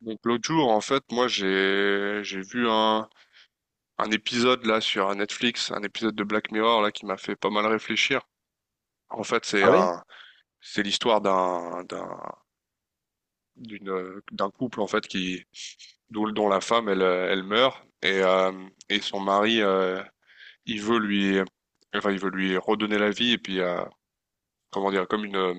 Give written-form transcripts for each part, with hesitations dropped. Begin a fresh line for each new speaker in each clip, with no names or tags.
Donc l'autre jour, en fait, moi j'ai vu un épisode là sur Netflix, un épisode de Black Mirror là qui m'a fait pas mal réfléchir. En fait,
Ah ouais?
c'est l'histoire d'un couple en fait qui dont la femme elle meurt et son mari il veut lui enfin il veut lui redonner la vie et puis comment dire comme une euh,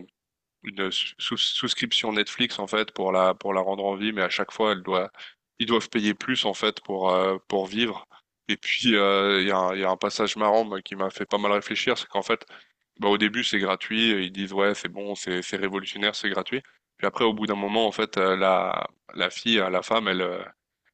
une souscription Netflix en fait pour la rendre en vie, mais à chaque fois elle doit ils doivent payer plus en fait pour vivre. Et puis il y a un passage marrant, moi, qui m'a fait pas mal réfléchir, c'est qu'en fait, bah, au début c'est gratuit, ils disent ouais, c'est bon, c'est révolutionnaire, c'est gratuit. Puis après au bout d'un moment en fait, la fille, la femme, elle euh,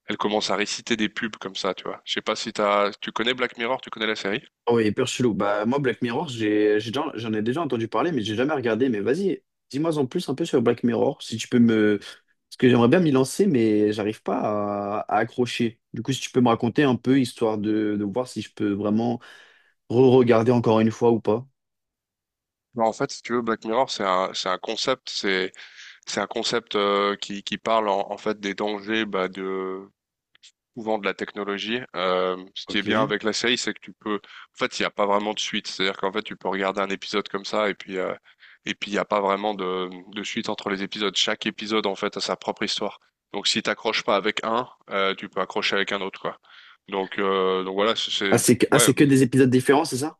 elle commence à réciter des pubs comme ça, tu vois. Je sais pas si tu connais Black Mirror, tu connais la série?
Ah ouais, hyper chelou. Bah, moi, Black Mirror, j'en ai déjà entendu parler, mais j'ai jamais regardé. Mais vas-y, dis-moi en plus un peu sur Black Mirror, si tu peux me. Parce que j'aimerais bien m'y lancer, mais j'arrive pas à accrocher. Du coup, si tu peux me raconter un peu, histoire de voir si je peux vraiment re-regarder encore une fois ou pas.
Bah, en fait, si tu veux, Black Mirror, c'est un concept. C'est un concept qui parle en fait des dangers, bah, de souvent de la technologie. Ce qui est
Ok.
bien avec la série, c'est que tu peux. En fait, il n'y a pas vraiment de suite. C'est-à-dire qu'en fait, tu peux regarder un épisode comme ça et puis et puis il n'y a pas vraiment de suite entre les épisodes. Chaque épisode en fait a sa propre histoire. Donc si t'accroches pas avec un, tu peux accrocher avec un autre, quoi. Donc voilà,
Ah,
ouais,
c'est que des épisodes différents, c'est ça?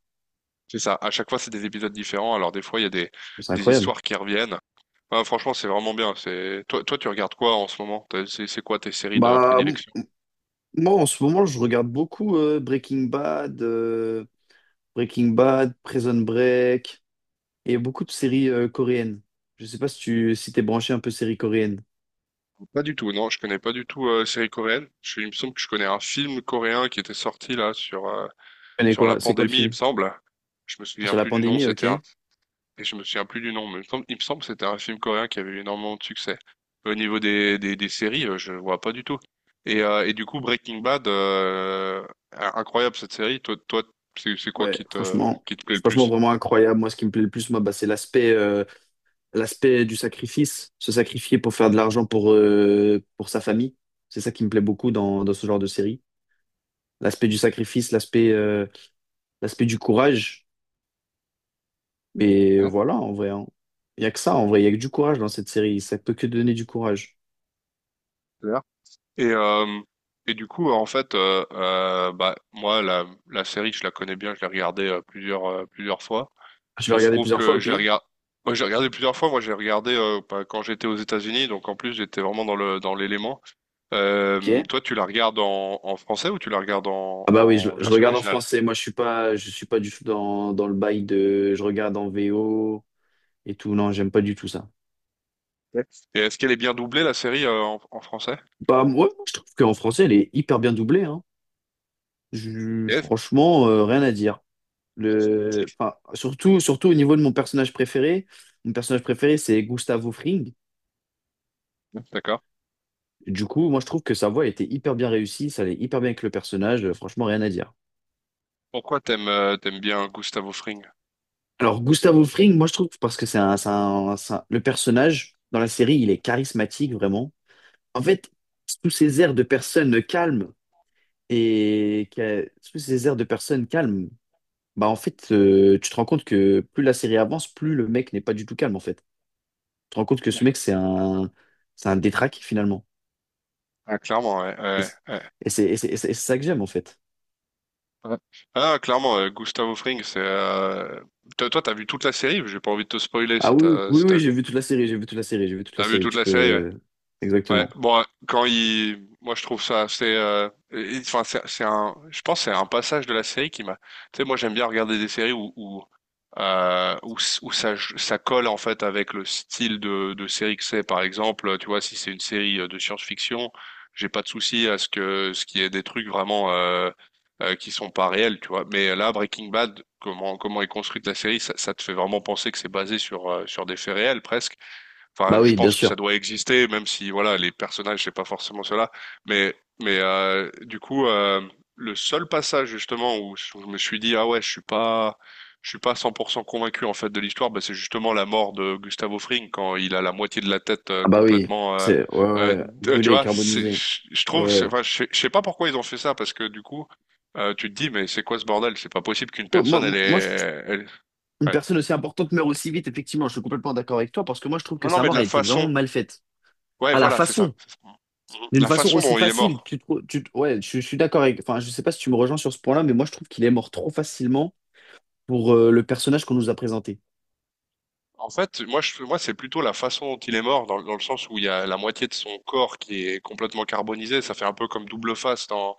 c'est ça. À chaque fois, c'est des épisodes différents. Alors des fois, il y a des
C'est
des
incroyable.
histoires qui reviennent. Ah, franchement, c'est vraiment bien. Toi, tu regardes quoi en ce moment? C'est quoi tes séries de
Bah, m-
prédilection?
Moi, en ce moment, je regarde beaucoup Breaking Bad, Breaking Bad, Prison Break. Et beaucoup de séries coréennes. Je sais pas si tu si t'es branché un peu séries coréennes. Tu
Pas du tout, non, je connais pas du tout, séries coréennes. Il me semble que je connais un film coréen qui était sorti là sur, euh,
connais
sur la
quoi? C'est quoi le
pandémie, il me
film?
semble. Je me souviens
Sur la
plus du nom.
pandémie,
C'était
ok.
un... et je me souviens plus du nom, mais il me semble que c'était un film coréen qui avait eu énormément de succès. Au niveau des séries, je vois pas du tout. Et du coup, Breaking Bad, incroyable, cette série. Toi, c'est quoi
Ouais,
qui te
franchement,
qui te plaît le
franchement
plus?
vraiment incroyable. Moi, ce qui me plaît le plus, moi, bah, c'est l'aspect l'aspect du sacrifice, se sacrifier pour faire de l'argent pour sa famille. C'est ça qui me plaît beaucoup dans, dans ce genre de série. L'aspect du sacrifice, l'aspect l'aspect du courage. Mais voilà, en vrai, hein. Il y a que ça, en vrai, il y a que du courage dans cette série. Ça peut que donner du courage.
Ouais. Et, euh, et du coup, en fait, bah, moi, la série, je la connais bien, je l'ai regardée, plusieurs fois.
Je l'ai
Il se
regardé
trouve
plusieurs fois,
que
ok.
je l'ai regardée. Moi, j'ai regardé plusieurs fois. Moi, j'ai regardé, bah, quand j'étais aux États-Unis, donc en plus, j'étais vraiment dans le, dans l'élément.
Ok.
Toi, tu la regardes en français ou tu la regardes en,
Ah bah oui,
en
je
version
regarde en
originale?
français. Moi, je suis pas du tout dans, dans le bail de je regarde en VO et tout. Non, j'aime pas du tout ça.
Ouais. Et est-ce qu'elle est bien doublée, la série, en français?
Bah moi, je trouve qu'en français, elle est hyper bien doublée, hein.
Yes.
Franchement, rien à dire. Le, enfin, surtout, surtout au niveau de mon personnage préféré. Mon personnage préféré, c'est Gustavo Fring.
D'accord.
Du coup, moi, je trouve que sa voix était hyper bien réussie. Ça allait hyper bien avec le personnage. Franchement, rien à dire.
Pourquoi t'aimes bien Gustavo Fring?
Alors, Gustavo Fring, moi, je trouve parce que le personnage dans la série, il est charismatique, vraiment. En fait, sous ces airs de personnes calmes et que- sous ces airs de personnes calmes, bah en fait, tu te rends compte que plus la série avance, plus le mec n'est pas du tout calme en fait. Tu te rends compte que ce mec, c'est un détraqué finalement.
Ah, clairement, ouais,
Et
ouais,
c'est
ouais.
et c'est- et c'est- et c'est- et c'est ça que j'aime en fait.
Ouais. Ah, clairement, Gustavo Fring, c'est. Toi, t'as vu toute la série? J'ai pas envie de te spoiler
Ah
si
oui, oui,
t'as
oui,
si t'as
oui, j'ai
vu.
vu toute la série, j'ai vu toute la série, j'ai vu toute la
T'as vu
série.
toute
Tu
la série? Ouais.
peux.
Ouais,
Exactement.
bon, moi je trouve ça assez, enfin c'est un, je pense que c'est un passage de la série qui m'a, tu sais, moi j'aime bien regarder des séries où ça colle en fait avec le style de série que c'est. Par exemple, tu vois, si c'est une série, de science-fiction, j'ai pas de souci à ce que ce qu'il y ait des trucs vraiment, qui sont pas réels, tu vois. Mais là, Breaking Bad, comment est construite la série, ça te fait vraiment penser que c'est basé sur des faits réels presque. Enfin,
Bah
je
oui, bien
pense que ça
sûr.
doit exister, même si voilà, les personnages, c'est pas forcément cela. Mais, mais, du coup, le seul passage justement où je me suis dit ah ouais, je suis pas 100% convaincu en fait de l'histoire, bah, c'est justement la mort de Gustavo Fring quand il a la moitié de la tête,
Ah bah oui,
complètement.
c'est. Ouais, ouais,
Tu
brûlé,
vois, c'est,
carbonisé.
je
Ouais,
trouve,
ouais.
enfin, je sais pas pourquoi ils ont fait ça, parce que du coup, tu te dis, mais c'est quoi ce bordel? C'est pas possible qu'une
Quoi, moi,
personne elle est,
moi, je,
elle-
Une
ouais.
personne aussi importante meurt aussi vite, effectivement, je suis complètement d'accord avec toi, parce que moi je trouve
Non
que
non,
sa
mais de
mort a
la
été vraiment
façon.
mal faite.
Ouais,
À la
voilà, c'est ça.
façon, D'une
La
façon
façon
aussi
dont il est
facile.
mort.
Ouais, je suis d'accord avec. Enfin, je sais pas si tu me rejoins sur ce point-là, mais moi je trouve qu'il est mort trop facilement pour le personnage qu'on nous a présenté.
En fait, moi, moi, c'est plutôt la façon dont il est mort, dans le sens où il y a la moitié de son corps qui est complètement carbonisé. Ça fait un peu comme double face dans,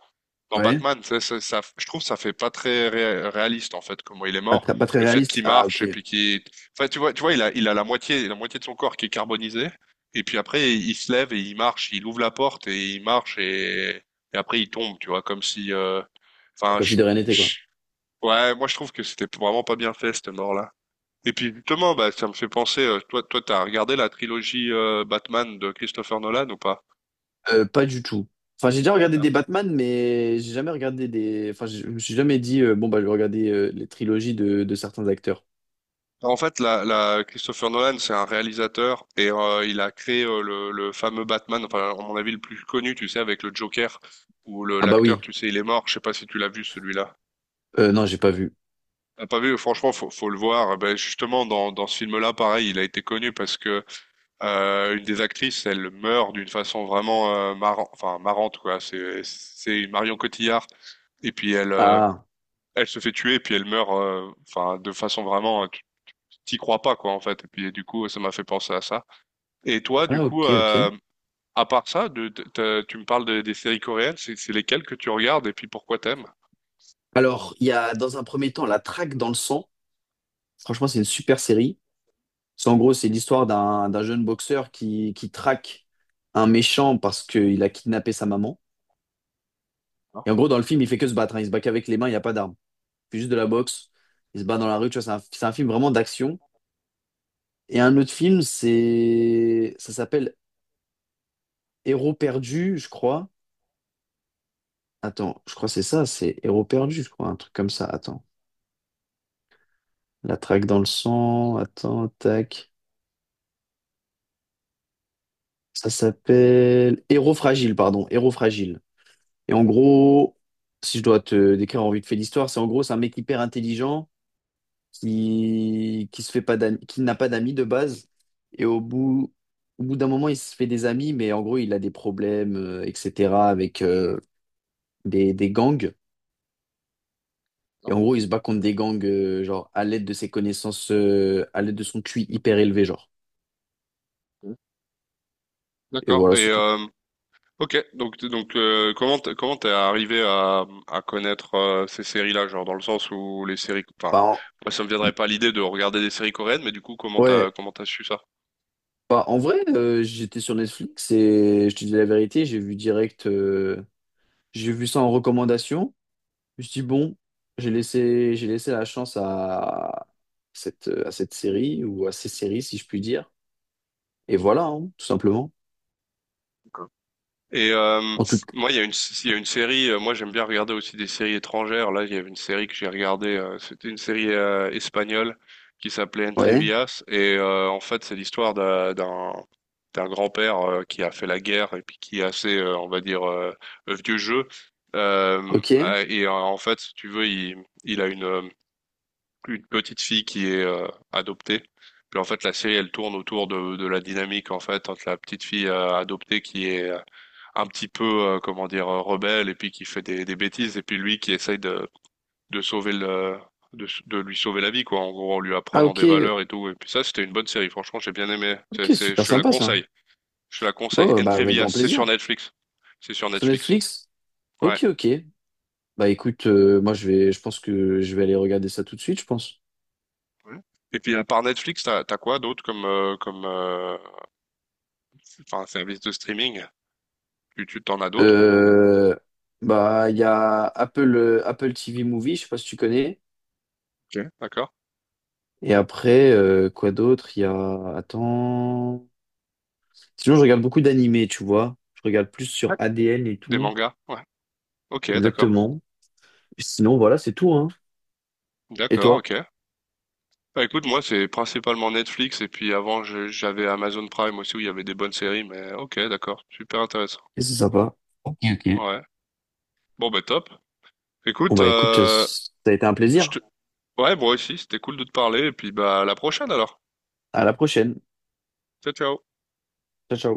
dans
Ouais.
Batman. Je trouve que ça fait pas très réaliste, en fait, comment il est
Pas
mort.
très, pas très
Le fait
réaliste.
qu'il
Ah,
marche
ok.
et puis enfin, tu vois, il a la moitié de son corps qui est carbonisé. Et puis après, il se lève et il marche, il ouvre la porte et il marche, et après il tombe, tu vois, comme si, enfin,
Comme si de rien n'était, quoi.
je- ouais, moi, je trouve que c'était vraiment pas bien fait, cette mort-là. Et puis justement, bah, ça me fait penser, toi, t'as regardé la trilogie, Batman, de Christopher Nolan ou pas?
Pas du tout. Enfin, j'ai déjà regardé des Batman, mais j'ai jamais regardé des. Enfin, je me suis jamais dit, bon, bah, je vais regarder les trilogies de certains acteurs.
En fait, Christopher Nolan, c'est un réalisateur, et il a créé, le fameux Batman, enfin, à mon avis, le plus connu, tu sais, avec le Joker, où
Ah, bah
l'acteur,
oui.
tu sais, il est mort. Je sais pas si tu l'as vu, celui-là.
Non, j'ai pas vu.
T'as pas vu? Franchement, faut le voir. Eh ben, justement, dans ce film-là, pareil, il a été connu parce que, une des actrices, elle meurt d'une façon vraiment, marrant, enfin, marrante, quoi. C'est Marion Cotillard. Et puis elle, euh,
Ah.
elle se fait tuer, puis elle meurt, enfin, de façon vraiment, tu t'y crois pas, quoi, en fait, et puis du coup ça m'a fait penser à ça. Et toi, du
Ah,
coup,
ok, ok.
à part ça, de- t'as- tu me parles de- des séries coréennes, c'est lesquelles que tu regardes, et puis pourquoi t'aimes
Alors, il y a dans un premier temps La Traque dans le sang. Franchement, c'est une super série. C'est l'histoire d'un jeune boxeur qui traque un méchant parce qu'il a kidnappé sa maman. Et en gros, dans le film, il fait que se battre. Hein. Il se bat qu'avec les mains, il n'y a pas d'armes. Il fait juste de la boxe. Il se bat dans la rue. Tu vois, c'est un film vraiment d'action. Et un autre film, c'est ça s'appelle Héros perdu, je crois. Attends, je crois que c'est ça, c'est Héros perdu, je crois, un truc comme ça. Attends. La Traque dans le sang. Attends, tac. Ça s'appelle Héros fragile, pardon, Héros fragile. Et en gros, si je dois te décrire en vite fait l'histoire, c'est en gros, c'est un mec hyper intelligent qui se fait pas d'am- qui n'a pas d'amis de base et au bout au bout d'un moment, il se fait des amis, mais en gros, il a des problèmes, etc. avec des gangs. Et en gros, il se bat contre des gangs genre à l'aide de ses connaissances, à l'aide de son QI hyper élevé, genre. Et
d'accord.
voilà, c'est tout.
Ok, donc comment t'es arrivé à connaître, ces séries-là, genre dans le sens où les séries, enfin,
Bah, en-
moi ça me viendrait pas l'idée de regarder des séries coréennes, mais du coup
ouais,
comment t'as su ça?
Bah, en vrai, j'étais sur Netflix et je te dis la vérité, j'ai vu ça en recommandation. Je me suis dit, bon, j'ai laissé la chance à cette série ou à ces séries, si je puis dire. Et voilà, hein, tout simplement.
Et,
En tout cas,
moi, il y a une série. Moi, j'aime bien regarder aussi des séries étrangères. Là, il y avait une série que j'ai regardée. C'était une série, espagnole, qui s'appelait
ouais,
Entrevias. Et en fait, c'est l'histoire d'un grand-père, qui a fait la guerre et puis qui est assez, on va dire, vieux jeu. Euh,
ok.
ah, et en fait, si tu veux, il a une petite fille qui est, adoptée. Puis en fait, la série, elle tourne autour de la dynamique en fait entre la petite fille, adoptée, qui est un petit peu, comment dire, rebelle, et puis qui fait des bêtises, et puis lui qui essaye de sauver le de lui sauver la vie, quoi, en gros, en lui
Ah,
apprenant des
ok,
valeurs et tout. Et puis ça, c'était une bonne série, franchement, j'ai bien aimé.
ok,
C'est Je
super
te la
sympa ça.
conseille.
Bon, bah, avec
Entrevias,
grand
c'est sur
plaisir.
Netflix. c'est sur
Sur
Netflix
Netflix?
ouais.
Ok, ok. Bah, écoute, moi, je pense que je vais aller regarder ça tout de suite, je pense.
Ouais. Et puis, à part Netflix, t'as quoi d'autre comme, comme, enfin, service de streaming, tu t'en as d'autres ou?
Euh, bah, il y a Apple, Apple TV Movie, je sais pas si tu connais.
Ok. D'accord.
Et après, quoi d'autre? Il y a... Attends... Sinon, je regarde beaucoup d'animés, tu vois. Je regarde plus sur
Ouais.
ADN et
Des
tout.
mangas, ouais. Ok. D'accord.
Exactement. Sinon, voilà, c'est tout, hein. Et
D'accord.
toi?
Ok. Bah écoute, moi c'est principalement Netflix, et puis avant j'avais Amazon Prime aussi, où il y avait des bonnes séries, mais ok, d'accord, super intéressant.
Et c'est sympa. Ok, ok.
Ouais. Bon bah, top.
Bon,
Écoute.
bah, écoute, ça a été un
Je
plaisir.
te... ouais, moi aussi, c'était cool de te parler, et puis bah, à la prochaine alors.
À la prochaine.
Ciao, ciao.
Ciao, ciao.